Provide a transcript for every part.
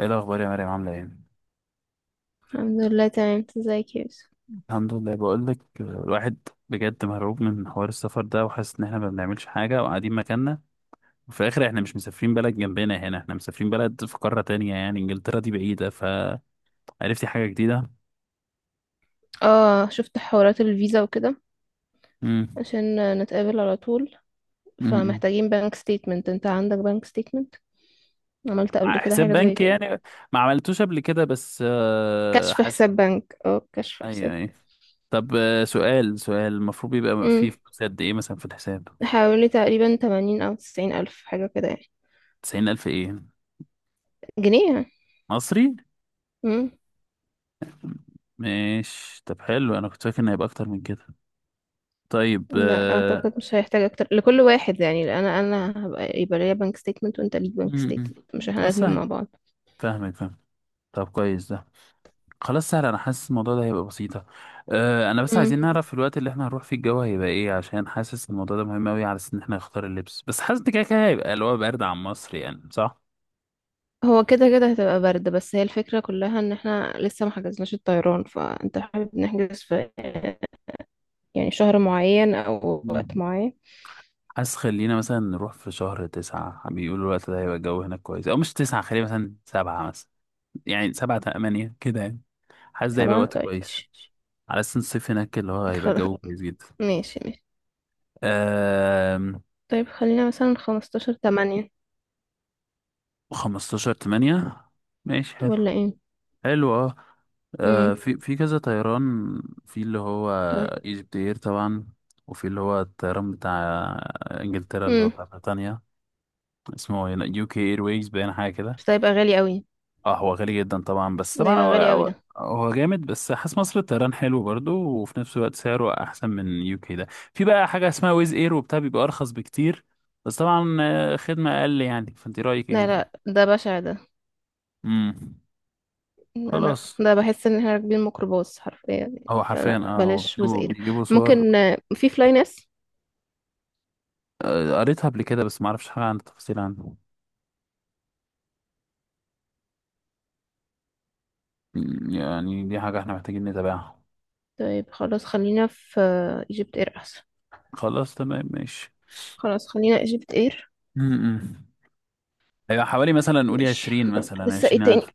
ايه الاخبار يا مريم؟ عامله ايه؟ الحمد لله تمام. انت ازيك يا يوسف؟ الحمد لله. بقول لك الواحد بجد مرعوب من حوار السفر ده، وحاسس ان احنا ما بنعملش حاجه وقاعدين مكاننا. وفي الاخر احنا مش مسافرين بلد جنبنا، هنا احنا مسافرين بلد في قاره تانية، يعني انجلترا دي بعيده، فعرفتي حاجه جديده. اه شفت حوارات الفيزا وكده امم. عشان نتقابل على طول. امم. فمحتاجين بنك ستيتمنت. انت عندك بنك ستيتمنت؟ عملت قبل كده حساب حاجة زي بنكي كده؟ يعني؟ ما عملتوش قبل كده، بس كشف حاسس. حساب بنك، اه كشف ايوه، حساب. ايوه. طب، سؤال سؤال، المفروض يبقى فيه امم فلوس قد ايه مثلا في الحساب؟ حوالي تقريبا 80 او 90 الف حاجة كده يعني. 90,000 ايه؟ جنيه يعني. مصري؟ امم ماشي. طب حلو، انا كنت فاكر ان هيبقى اكتر من كده. طيب. لا اعتقد مش هيحتاج اكتر لكل واحد يعني. انا هبقى يبقى ليا بنك ستيتمنت وانت ليك بنك م- م. ستيتمنت، مش احنا طب الاتنين سهل. مع بعض. فاهمك، فاهم. طب كويس ده. خلاص، سهل. انا حاسس الموضوع ده هيبقى بسيطة. انا بس عايزين نعرف في الوقت اللي احنا هنروح فيه الجو هيبقى ايه، عشان حاسس الموضوع ده مهم قوي على اساس ان احنا نختار اللبس. بس حاسس ان كده كده هيبقى اللي هو برد عن مصر، يعني صح؟ هو كده كده هتبقى برد، بس هي الفكرة كلها ان احنا لسه ما حجزناش الطيران. فانت حابب نحجز في يعني شهر معين او وقت م. معين؟ حاسس خلينا مثلا نروح في شهر تسعة، بيقولوا الوقت ده هيبقى الجو هناك كويس. أو مش تسعة، خلينا مثلا سبعة مثلا. يعني سبعة، تمانية، كده، يعني حاسس ده هيبقى سبعة وقت طيب كويس. ماشي. على أساس الصيف هناك اللي هو هيبقى خلاص الجو كويس ماشي ماشي. جدا. طيب خلينا مثلا خمستاشر تمانية، 15/8. ماشي، حلو. ولا ايه؟ حلو، اه. امم في في كذا طيران. في اللي هو طيب. ايجيبت اير طبعا. وفي اللي هو الطيران بتاع انجلترا، اللي هو امم بتاع بريطانيا. اسمه يو كي اير ويز، باين حاجة كده. بس ده يبقى غالي قوي. اه، هو غالي جدا طبعا، بس ده طبعا يبقى هو غالي قوي هو. ده. هو جامد، بس حاسس مصر الطيران حلو برضو، وفي نفس الوقت سعره احسن من يو كي ده. في بقى حاجة اسمها ويز اير وبتاع بيبقى ارخص بكتير. بس طبعا خدمة اقل، يعني فانت رأيك لا ايه؟ لا، ده بشع ده. امم. انا خلاص. ده بحس ان احنا راكبين ميكروباص حرفيا يعني. هو حرفيا، فلا اه، هو بلاش بيجيبوا وزير. بيجيبوا ممكن صور. في فلاي ناس. قريتها قبل كده، بس ما اعرفش حاجة عن التفاصيل عنه. يعني دي حاجة احنا محتاجين نتابعها. طيب خلاص خلينا في ايجيبت اير احسن. خلاص، تمام، ماشي. خلاص خلينا ايجيبت اير. امم. هيبقى حوالي مثلا نقول ماشي. عشرين، مثلا لسه عشرين ايه تاني؟ ألف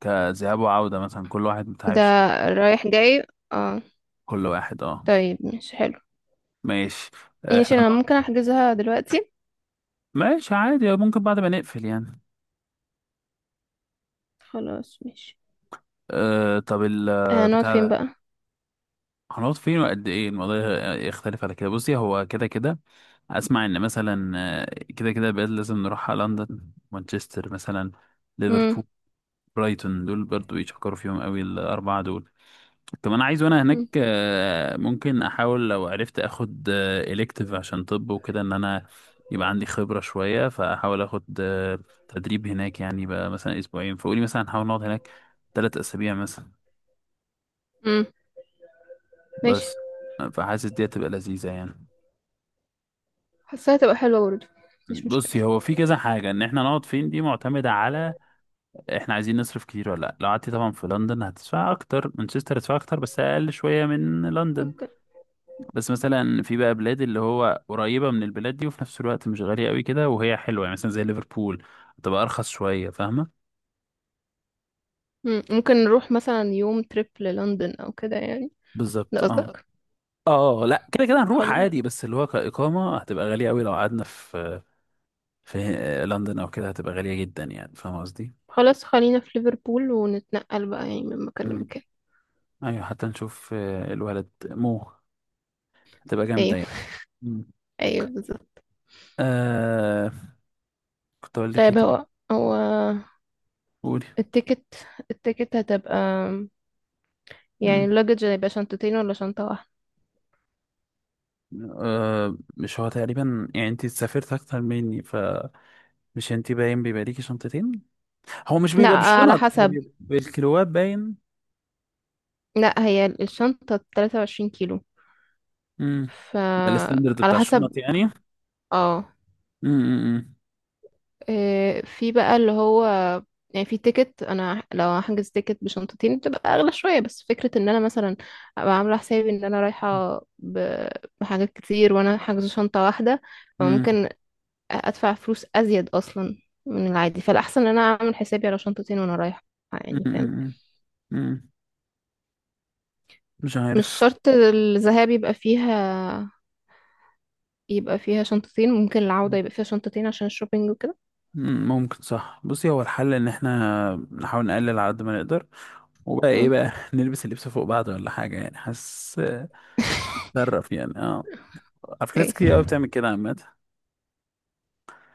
كذهاب وعودة مثلا، كل واحد بتاع ده عشرين. رايح جاي. اه كل واحد، اه. طيب ماشي حلو. ماشي. ماشي احنا. انا ممكن احجزها دلوقتي. ماشي عادي، ممكن بعد ما نقفل يعني. خلاص ماشي. طب آه نقعد بتاع فين ده. بقى؟ هنقعد فين؟ وقد ايه الموضوع؟ يختلف على كده. بصي، هو كده كده. اسمع ان مثلا، كده كده بقى لازم نروح على لندن، مانشستر مثلا، مم. ليفربول. برايتون، دول برضو يشكروا فيهم قوي الاربعه دول. كمان عايز وانا هناك مم. ممكن احاول لو عرفت اخد الكتيف عشان طب وكده، ان انا يبقى عندي خبره شويه، فاحاول اخد تدريب هناك، يعني بقى مثلا اسبوعين. فقولي مثلا هنحاول نقعد هناك ثلاث اسابيع مثلا. مم. ماشي، بس، فحاسس دي هتبقى لذيذه يعني. حاساها تبقى حلوة برضه. مفيش مشكلة. بصي، هو في كذا حاجة، ان احنا نقعد فين دي معتمدة على احنا عايزين نصرف كتير ولا لا. لو قعدتي طبعا في لندن هتدفع اكتر، مانشستر هتدفع اكتر بس اقل شوية من لندن. ممكن. بس مثلا في بقى بلاد اللي هو قريبة من البلاد دي وفي نفس الوقت مش غالية قوي كده، وهي حلوة يعني، مثلا زي ليفربول تبقى ارخص شوية، فاهمة؟ مم. ممكن نروح مثلا يوم تريب للندن او كده يعني؟ ده بالظبط، اه. قصدك؟ اه لا، كده كده هنروح خلاص. عادي، بس اللي هو كإقامة هتبقى غالية قوي لو قعدنا في في لندن او كده هتبقى غالية جدا، يعني فاهمة قصدي؟ خلاص خلينا في ليفربول ونتنقل بقى يعني من مكان مم. لمكان. ايوه، حتى نشوف الولد مو. هتبقى جامدة ايوه يعني. مم. ايوه، بالظبط. آه كنت أقول لك إيه طيب تاني؟ هو قولي. التيكت التيكت هتبقى، يعني مم. اللوجج هيبقى شنطتين ولا شنطة واحدة؟ مش هو تقريبا، يعني أنت سافرت أكتر مني، فمش أنت باين بيبقى ليكي شنطتين. هو مش لا بيبقى على بالشنط، هو حسب. بيبقى بالكيلوات باين. لا هي الشنطة 23 كيلو. مم. ف ده الستاندرد على بتاع حسب. الشنط يعني. مم. اه. مم. إيه، في بقى اللي هو، يعني في تيكت. انا لو هحجز تيكت بشنطتين بتبقى اغلى شوية، بس فكرة ان انا مثلا ابقى عاملة حسابي ان انا رايحة بحاجات كتير وانا حاجزة شنطة واحدة. مم. فممكن ادفع فلوس ازيد اصلا من العادي. فالاحسن ان انا اعمل حسابي على شنطتين وانا رايحة. مم. يعني فاهم؟ مم. مم. مش مش عارف. شرط الذهاب يبقى فيها يبقى فيها شنطتين، ممكن العودة يبقى فيها شنطتين عشان الشوبينج وكده. ممكن صح. بصي، هو الحل ان احنا نحاول نقلل على قد ما نقدر. وبقى ايه مم. بقى، نلبس اللبس فوق بعض ولا حاجة، يعني حاسس نتصرف يعني، اه. على فكرة ايه، ناس كتير قوي بتعمل كده عامة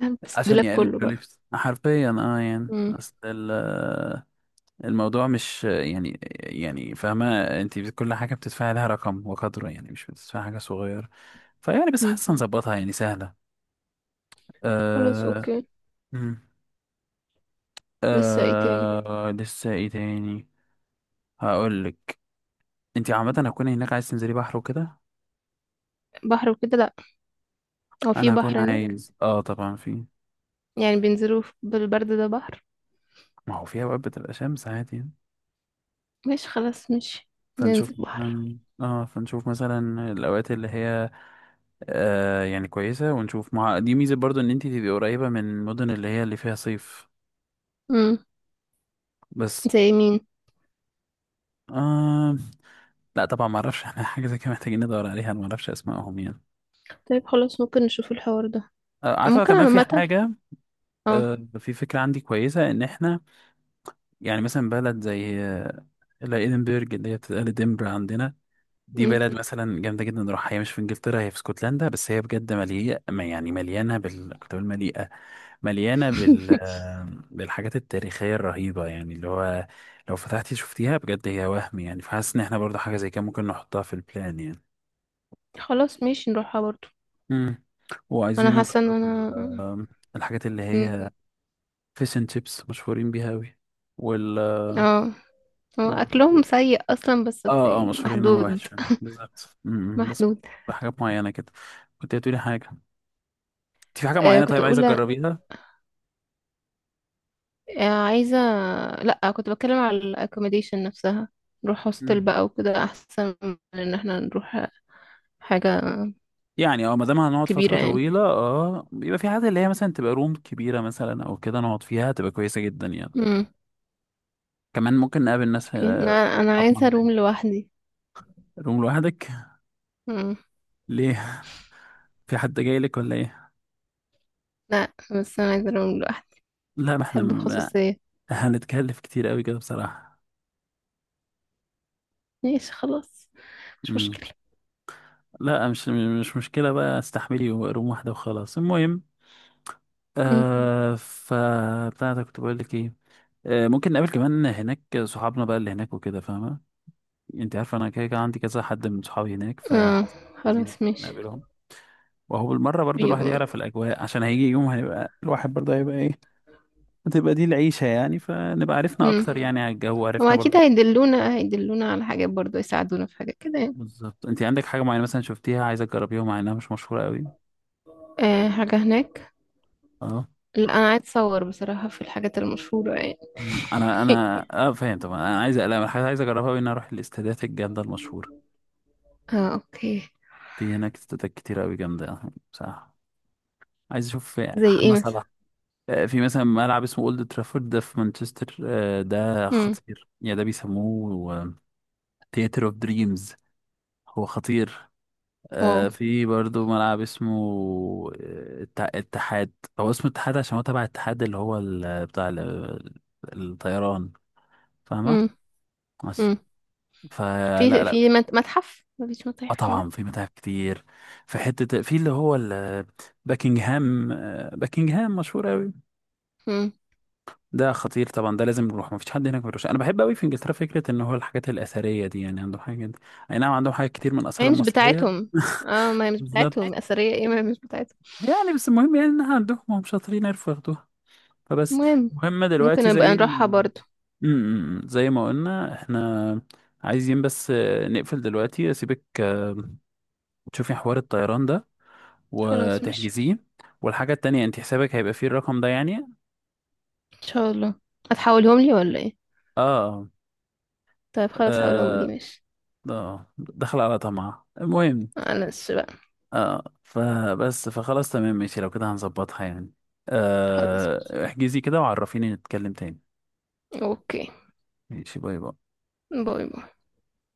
هلبس عشان الدولاب يقللوا كله بقى. لبس حرفيا، اه، يعني مم. اصل الموضوع مش يعني، فاهمة. انت كل حاجة بتدفعي لها رقم وقدره، يعني مش بتدفعي حاجة صغيرة. فيعني بس مم. حاسة نظبطها، يعني سهلة. خلاص آه. اوكي. مم. لسه ايه تاني؟ لسه ايه تاني؟ هقولك. انت عامة هتكوني هناك عايز تنزلي بحر وكده؟ بحر وكده لا. هو في انا هكون بحر هناك؟ عايز، اه طبعا في. يعني بينزلوا بالبرد ده بحر؟ ما هو في اوقات بتبقى شمس عادي يعني. ماشي خلاص ماشي، فنشوف ننزل بحر. مثلاً- اه فنشوف مثلا الاوقات اللي هي يعني كويسه، ونشوف. مع دي ميزه برضو ان انت تبقي قريبه من المدن اللي هي اللي فيها صيف. مم. بس، زي مين؟ آه لا طبعا ما اعرفش احنا حاجه زي كده محتاجين ندور عليها، انا ما اعرفش اسمائهم يعني. طيب خلاص، ممكن نشوف الحوار ده. عارفه ممكن كمان في عامة. حاجه. اه. في فكره عندي كويسه، ان احنا يعني مثلا بلد زي، لا، ادنبرج اللي هي بتتقال دنبر عندنا. دي مم. بلد مثلا جامده جدا، نروحها. هي مش في انجلترا، هي في اسكتلندا، بس هي بجد مليئه، ما يعني مليانه بال، كنت بقول مليئه. مليانة بال بالحاجات التاريخية الرهيبة، يعني اللي هو لو فتحتي شفتيها بجد هي وهم، يعني فحاسس إن احنا برضه حاجة زي كده ممكن نحطها في البلان يعني. خلاص ماشي، نروحها برضو. مم. انا وعايزين حاسه ان نجرب انا. الحاجات اللي مم. هي فيش اند شيبس مشهورين بيها أوي. وال اه، هو وب- اكلهم سيء اصلا بس اه، اه، يعني مشهورين انهم وحش محدود. فعلا. بالظبط. بس محدود. بحاجات معينة كده. كنت هتقولي حاجة؟ انت في حاجة آه معينة، كنت طيب عايزة اقول، تجربيها؟ آه عايزه. لا كنت بتكلم على الاكوموديشن نفسها. نروح هوستل بقى وكده احسن من ان احنا نروح حاجه. يعني، اه، ما دام هنقعد فترة كبيره يعني. طويلة، اه، بيبقى في حاجات اللي هي مثلا تبقى روم كبيرة مثلا او كده، نقعد فيها تبقى كويسة جدا يعني. امم كمان ممكن نقابل ناس اوكي. انا انا أصحابنا عايزه هناك. روم لوحدي. روم لوحدك؟ امم ليه؟ في حد جاي لك ولا ايه؟ لا بس انا عايزه روم لوحدي. لا ما احنا بحب لا، الخصوصيه. هنتكلف كتير قوي كده بصراحة. ماشي خلاص، مش مم. مشكله. لا مش، مش مشكلة، بقى استحملي روم واحدة وخلاص المهم. امم فبتاعتك، كنت بقول لك ايه؟ ممكن نقابل كمان هناك صحابنا بقى اللي هناك وكده، فاهمة؟ انت عارف انا كده كده عندي كذا حد من صحابي هناك، اه فحاسس لذيذ خلاص ماشي. نقابلهم. وهو بالمرة برضو الواحد يعرف بيبقى. الأجواء، عشان هيجي يوم هيبقى الواحد برضو هيبقى إيه، هتبقى دي العيشة يعني، فنبقى عرفنا امم أكتر يعني على الجو، هو عرفنا اكيد برضو. هيدلونا على حاجات برضو، يساعدونا في حاجات كده يعني. بالظبط. أنت عندك حاجة معينة مثلا شفتيها عايزة تجربيها مع إنها مش مشهورة قوي؟ آه حاجة هناك. أه. لا أنا عايز أصور بصراحة في الحاجات المشهورة يعني. مم. أنا فاهم طبعا، أنا عايز، لا أنا حاجة عايز أجربها قوي، إن أنا أروح الاستادات الجامدة المشهورة. اه أوكي. في هناك استادات كتير قوي جامدة. صح. عايز أشوف زي إيه محمد مثلا؟ صلاح. في مثلا ملعب اسمه اولد ترافورد، ده في مانشستر، ده امم خطير، يعني ده بيسموه ثياتر اوف دريمز. هو خطير. واو. في برضو ملعب اسمه الاتحاد. هو اسمه الاتحاد، عشان هو تبع الاتحاد اللي هو بتاع الطيران. فاهمة. امم بس، امم فلا، في لا. متحف. مفيش متاحف طبعا هناك؟ في متاحف كتير. في حتة في اللي هو باكنجهام، باكنجهام مشهور أوي. امم ده خطير طبعا، ده لازم نروح. مفيش حد هناك ما بيروحش. انا بحب قوي في انجلترا فكره ان هو الحاجات الاثريه دي، يعني عندهم حاجات. اي نعم، عندهم حاجات كتير من الاثار هي مش المصريه. بتاعتهم. اه ما هي مش بالظبط. بتاعتهم أثرية. ايه ما هي مش بتاعتهم. يعني بس المهم يعني انها عندهم، هم شاطرين يعرفوا ياخدوها. فبس، المهم، المهم ممكن دلوقتي نبقى زي نروحها ما، برضو. زي ما قلنا احنا عايزين بس نقفل دلوقتي، اسيبك تشوفي حوار الطيران ده خلاص مش. وتحجزيه. والحاجه التانية، انت حسابك هيبقى فيه الرقم ده يعني. ان شاء الله. هتحولهم لي ولا ايه؟ اه. طيب خلاص حولهم لي. اه، ماشي، دخل على طمع المهم. معلش بقى. اه، فبس، فخلاص تمام ماشي، لو كده هنظبطها يعني. خلاص ماشي احجزي كده وعرفيني نتكلم تاني. اوكي. ماشي، باي باي. باي باي.